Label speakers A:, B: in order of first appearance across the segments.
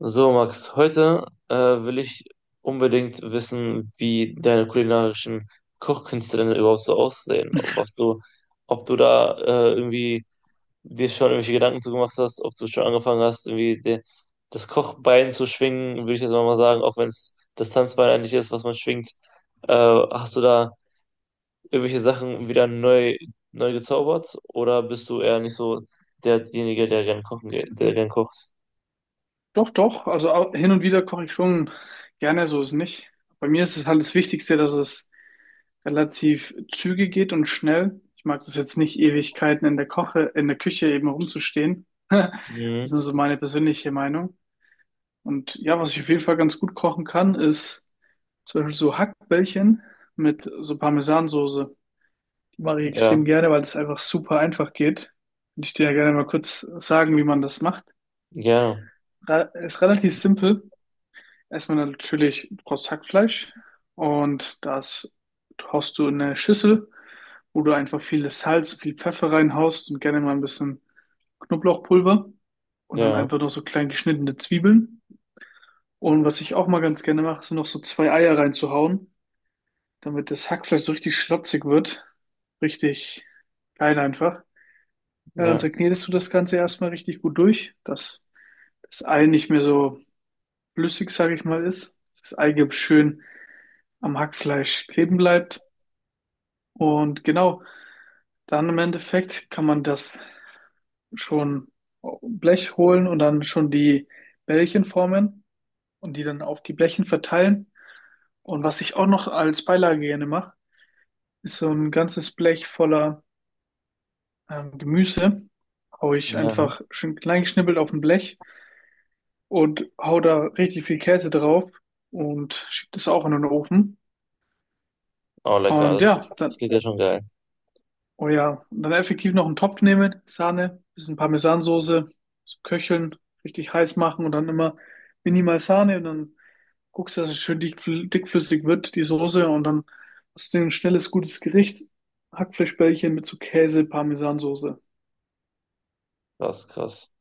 A: So, Max, heute will ich unbedingt wissen, wie deine kulinarischen Kochkünste denn überhaupt so aussehen. Ob du da irgendwie dir schon irgendwelche Gedanken zu gemacht hast, ob du schon angefangen hast, irgendwie das Kochbein zu schwingen, würde ich jetzt mal sagen, auch wenn es das Tanzbein eigentlich ist, was man schwingt. Hast du da irgendwelche Sachen wieder neu gezaubert oder bist du eher nicht so derjenige, der gern kochen geht, der gern kocht?
B: Doch, doch. Also hin und wieder koche ich schon gerne, so ist nicht. Bei mir ist es halt das Wichtigste, dass es relativ zügig geht und schnell. Ich mag das jetzt nicht, Ewigkeiten in der Küche eben rumzustehen. Das ist
A: Mhm.
B: nur so meine persönliche Meinung. Und ja, was ich auf jeden Fall ganz gut kochen kann, ist zum Beispiel so Hackbällchen mit so Parmesansoße. Die mache ich
A: Ja,
B: extrem gerne, weil das einfach super einfach geht. Und ich dir ja gerne mal kurz sagen, wie man das macht.
A: gerne,
B: Ist relativ simpel. Erstmal natürlich, du brauchst Hackfleisch und das haust du in eine Schüssel, wo du einfach viel Salz, viel Pfeffer reinhaust und gerne mal ein bisschen Knoblauchpulver und dann
A: ja.
B: einfach noch so klein geschnittene Zwiebeln. Und was ich auch mal ganz gerne mache, sind noch so zwei Eier reinzuhauen, damit das Hackfleisch so richtig schlotzig wird. Richtig geil einfach. Ja, dann
A: Ja,
B: segnetest du das Ganze erstmal richtig gut durch, dass das Ei nicht mehr so flüssig, sage ich mal, ist. Dass das Eigelb schön am Hackfleisch kleben bleibt. Und genau, dann im Endeffekt kann man das schon auf ein Blech holen und dann schon die Bällchen formen und die dann auf die Blechen verteilen. Und was ich auch noch als Beilage gerne mache, ist so ein ganzes Blech voller Gemüse. Hau ich
A: ja.
B: einfach schön klein geschnippelt auf ein Blech und hau da richtig viel Käse drauf und schieb das auch in den Ofen.
A: Oh, lecker.
B: Und ja,
A: Das
B: dann
A: klingt ja schon geil.
B: Oh ja, und dann effektiv noch einen Topf nehmen, Sahne, bisschen Parmesansoße zu köcheln, richtig heiß machen und dann immer minimal Sahne und dann guckst du, dass es schön dickflüssig wird, die Soße, und dann hast du ein schnelles, gutes Gericht. Hackfleischbällchen mit so Käse, Parmesansoße.
A: Krass, krass.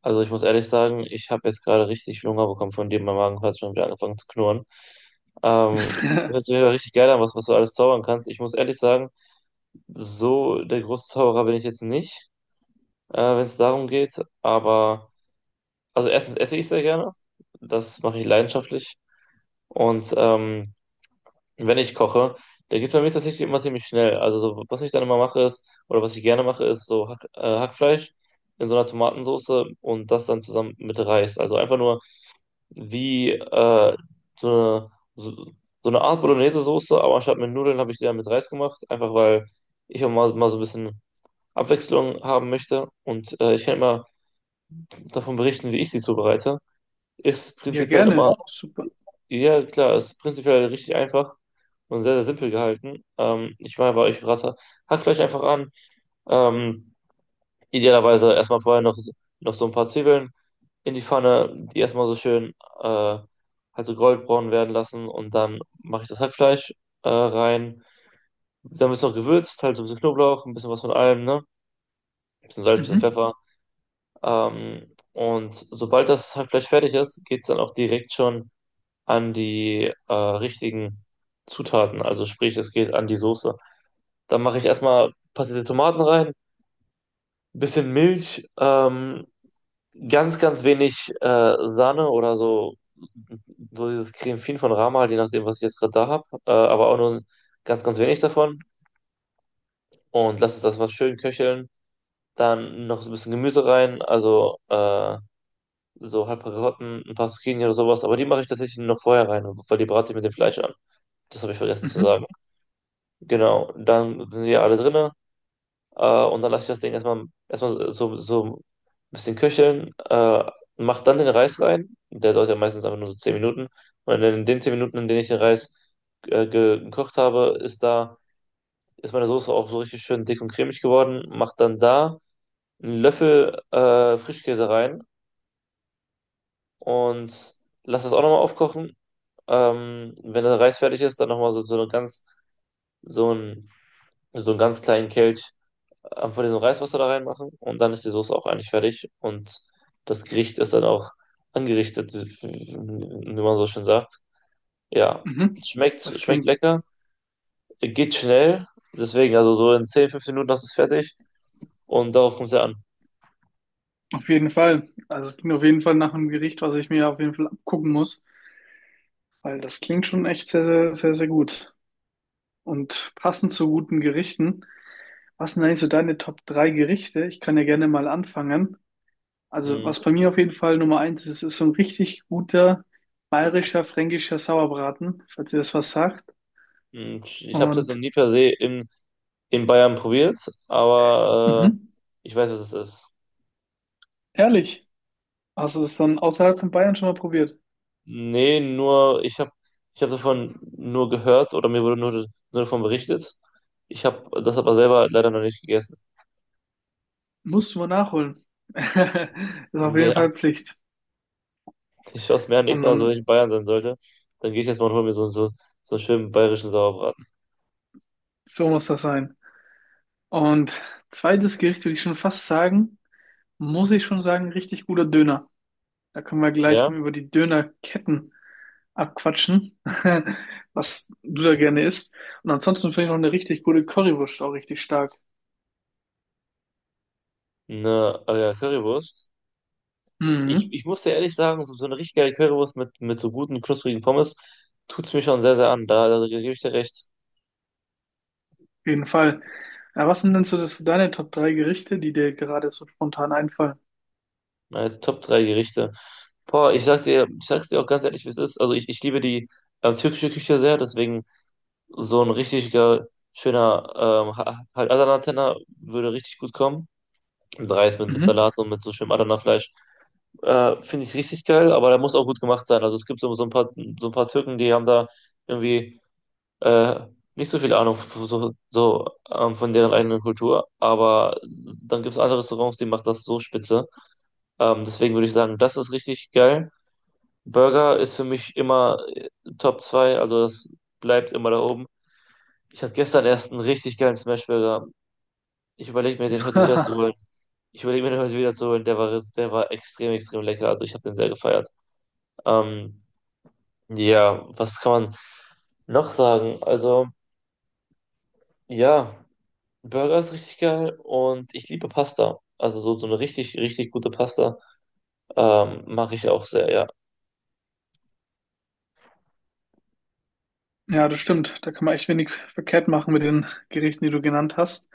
A: Also ich muss ehrlich sagen, ich habe jetzt gerade richtig Hunger bekommen von dir. Mein Magen hat schon wieder angefangen zu knurren. Ähm, Hört sich ja richtig geil an, was du alles zaubern kannst. Ich muss ehrlich sagen, so der große Zauberer bin ich jetzt nicht, wenn es darum geht. Aber, also erstens esse ich sehr gerne. Das mache ich leidenschaftlich. Und wenn ich koche, da geht es bei mir tatsächlich immer ziemlich schnell. Also so, was ich dann immer mache ist, oder was ich gerne mache, ist so Hackfleisch in so einer Tomatensoße und das dann zusammen mit Reis. Also einfach nur wie so eine, so, so eine Art Bolognese-Soße, aber anstatt mit Nudeln habe ich die dann mit Reis gemacht, einfach weil ich auch mal so ein bisschen Abwechslung haben möchte und ich kann immer davon berichten, wie ich sie zubereite. Ist
B: Ja,
A: prinzipiell immer
B: gerne. Super.
A: ja, klar, es ist prinzipiell richtig einfach und sehr, sehr simpel gehalten. Ich meine, bei euch Rasse, hackt euch einfach an. Ähm, idealerweise erstmal noch so ein paar Zwiebeln in die Pfanne, die erstmal so schön äh, halt so goldbraun werden lassen und dann mache ich das Hackfleisch rein. Dann wird es noch gewürzt, halt so ein bisschen Knoblauch, ein bisschen was von allem, ne? Ein bisschen Salz, ein bisschen
B: Mhm.
A: Pfeffer. Und sobald das Hackfleisch fertig ist, geht es dann auch direkt schon an die richtigen Zutaten. Also sprich, es geht an die Soße. Dann mache ich erstmal passierte Tomaten rein, bisschen Milch, ganz, ganz wenig Sahne oder so, so dieses Creme Fin von Rama, halt, je nachdem, was ich jetzt gerade da habe, aber auch nur ganz, ganz wenig davon. Und lasse das was schön köcheln. Dann noch so ein bisschen Gemüse rein, also so halb paar Karotten, ein paar Zucchini oder sowas. Aber die mache ich tatsächlich noch vorher rein, weil die brate ich mit dem Fleisch an. Das habe ich vergessen zu
B: Mhm.
A: sagen. Genau, dann sind die alle drinne und dann lasse ich das Ding erstmal so ein bisschen köcheln, mach dann den Reis rein, der dauert ja meistens einfach nur so 10 Minuten und in den 10 Minuten, in denen ich den Reis ge gekocht habe, ist meine Soße auch so richtig schön dick und cremig geworden, mach dann da einen Löffel Frischkäse rein und lass das auch nochmal aufkochen. Wenn der Reis fertig ist, dann nochmal so ein so einen ganz kleinen Kelch von diesem Reiswasser da reinmachen und dann ist die Soße auch eigentlich fertig und das Gericht ist dann auch angerichtet, wie wie man so schön sagt. Ja,
B: Mhm. Das
A: schmeckt
B: klingt
A: lecker, geht schnell, deswegen, also so in 10 15 Minuten hast du es fertig und darauf kommt es ja an.
B: auf jeden Fall, also es klingt auf jeden Fall nach einem Gericht, was ich mir auf jeden Fall abgucken muss, weil das klingt schon echt sehr, sehr, sehr, sehr gut. Und passend zu guten Gerichten, was sind eigentlich so deine Top 3 Gerichte? Ich kann ja gerne mal anfangen. Also,
A: Mhm.
B: was bei mir auf jeden Fall Nummer eins ist, ist so ein richtig guter bayerischer, fränkischer Sauerbraten, falls ihr das was sagt.
A: Und ich habe es jetzt noch
B: Und
A: nie per se in Bayern probiert, aber
B: mhm,
A: ich weiß, was es ist.
B: ehrlich, hast du das dann außerhalb von Bayern schon mal probiert?
A: Nee, nur, ich hab davon nur gehört oder mir wurde nur davon berichtet. Ich habe das aber selber leider noch nicht gegessen.
B: Musst du mal nachholen. Ist auf jeden
A: Ja,
B: Fall Pflicht.
A: ich schaue es mir an, nächstes
B: Und
A: Mal, so wenn
B: dann,
A: ich in Bayern sein sollte, dann gehe ich jetzt mal und hole mir so einen schönen bayerischen Sauerbraten.
B: so muss das sein. Und zweites Gericht würde ich schon fast sagen, muss ich schon sagen, richtig guter Döner. Da können wir gleich
A: Ja,
B: mal über die Dönerketten abquatschen, was du da gerne isst. Und ansonsten finde ich noch eine richtig gute Currywurst auch richtig stark.
A: eine Currywurst.
B: Mhm,
A: Ich muss dir ehrlich sagen, so eine richtig geile Currywurst mit so guten, knusprigen Pommes tut's mir schon sehr, sehr an. Da gebe ich dir recht.
B: auf jeden Fall. Ja, was sind denn so das, deine Top 3 Gerichte, die dir gerade so spontan einfallen?
A: Meine Top 3 Gerichte. Boah, ich sag dir, ich sag's dir auch ganz ehrlich, wie es ist. Also ich liebe die türkische Küche sehr, deswegen so ein schöner halt Adana-Tenner würde richtig gut kommen. Mit Reis, mit
B: Mhm.
A: Salat und mit so schönem Adana-Fleisch. Finde ich richtig geil, aber der muss auch gut gemacht sein. Also es gibt so ein paar Türken, die haben da irgendwie äh, nicht so viel Ahnung von deren eigenen Kultur, aber dann gibt es andere Restaurants, die machen das so spitze. Deswegen würde ich sagen, das ist richtig geil. Burger ist für mich immer Top 2, also das bleibt immer da oben. Ich hatte gestern erst einen richtig geilen Smashburger. Ich überlege mir, den heute wieder zu holen. Ich überlege mir, den heute wieder zu holen. Der war extrem, extrem lecker. Also ich habe den sehr gefeiert. Ähm, Ja, was kann man noch sagen? Also, ja, Burger ist richtig geil und ich liebe Pasta. Also so eine richtig, richtig gute Pasta mache ich auch sehr, ja.
B: Ja, das stimmt. Da kann man echt wenig verkehrt machen mit den Gerichten, die du genannt hast.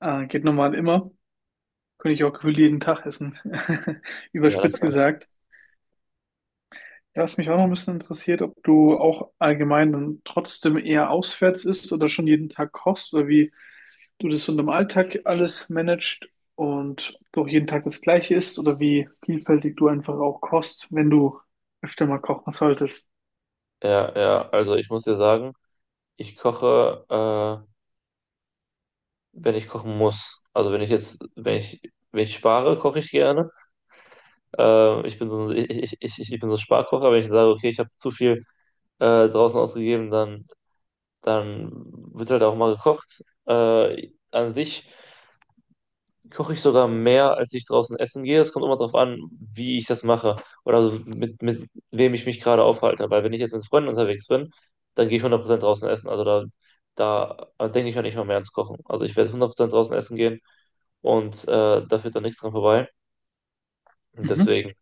B: Geht normal immer. Könnte ich auch gefühlt jeden Tag essen.
A: Ja, das
B: Überspitzt
A: war.
B: gesagt. Ja, was mich auch noch ein bisschen interessiert, ob du auch allgemein dann trotzdem eher auswärts isst oder schon jeden Tag kochst oder wie du das so in deinem Alltag alles managst und ob du auch jeden Tag das Gleiche isst oder wie vielfältig du einfach auch kochst, wenn du öfter mal kochen solltest.
A: Ja, ja, also ich muss dir sagen, ich koche, wenn ich kochen muss. Also wenn ich spare, koche ich gerne. Ich bin so ein, ich, ich, ich, ich ich bin so ein Sparkocher, wenn ich sage, okay, ich habe zu viel draußen ausgegeben, dann wird halt auch mal gekocht. An sich koche ich sogar mehr, als ich draußen essen gehe. Es kommt immer darauf an, wie ich das mache oder so mit wem ich mich gerade aufhalte. Weil wenn ich jetzt mit Freunden unterwegs bin, dann gehe ich 100% draußen essen. Also da denke ich mir nicht mal mehr ans Kochen. Also ich werde 100% draußen essen gehen und da führt dann nichts dran vorbei. Und
B: Mhm.
A: deswegen.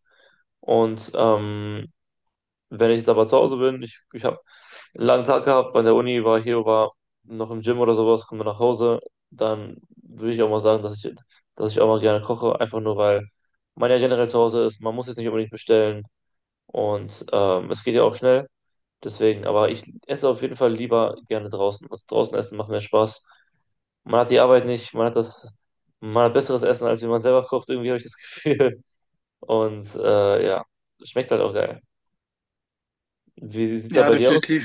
A: Und wenn ich jetzt aber zu Hause bin, ich habe einen langen Tag gehabt, bei der Uni war noch im Gym oder sowas, komme nach Hause, dann würde ich auch mal sagen, dass ich auch mal gerne koche, einfach nur weil man ja generell zu Hause ist, man muss jetzt nicht unbedingt bestellen und es geht ja auch schnell, deswegen, aber ich esse auf jeden Fall lieber gerne draußen. Also draußen essen macht mehr Spaß. Man hat die Arbeit nicht, man hat besseres Essen, als wenn man selber kocht, irgendwie habe ich das Gefühl. Und ja, schmeckt halt auch geil. Wie sieht's da
B: Ja,
A: bei dir aus?
B: definitiv.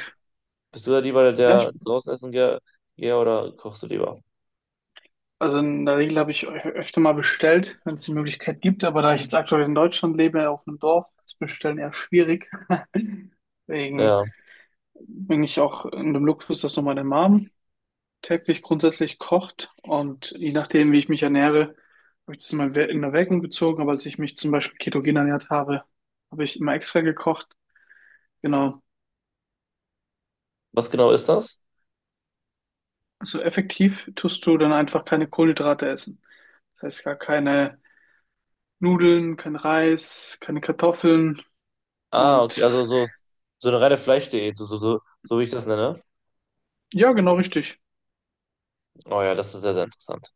A: Bist du da lieber
B: Ja,
A: der, der
B: ich,
A: draußen essen gehe oder kochst du lieber?
B: also in der Regel habe ich öfter mal bestellt, wenn es die Möglichkeit gibt, aber da ich jetzt aktuell in Deutschland lebe, auf einem Dorf, ist Bestellen eher schwierig. Deswegen
A: Ja.
B: bin ich auch in dem Luxus, dass noch meine Mom täglich grundsätzlich kocht, und je nachdem, wie ich mich ernähre, habe ich das immer in Erwägung gezogen, aber als ich mich zum Beispiel ketogen ernährt habe, habe ich immer extra gekocht. Genau.
A: Was genau ist das?
B: Also effektiv tust du dann einfach keine Kohlenhydrate essen. Das heißt, gar keine Nudeln, kein Reis, keine Kartoffeln
A: Ah, okay,
B: und
A: also so eine reine Fleischdiät, so wie ich das nenne.
B: ja, genau richtig.
A: Oh ja, das ist sehr, sehr interessant.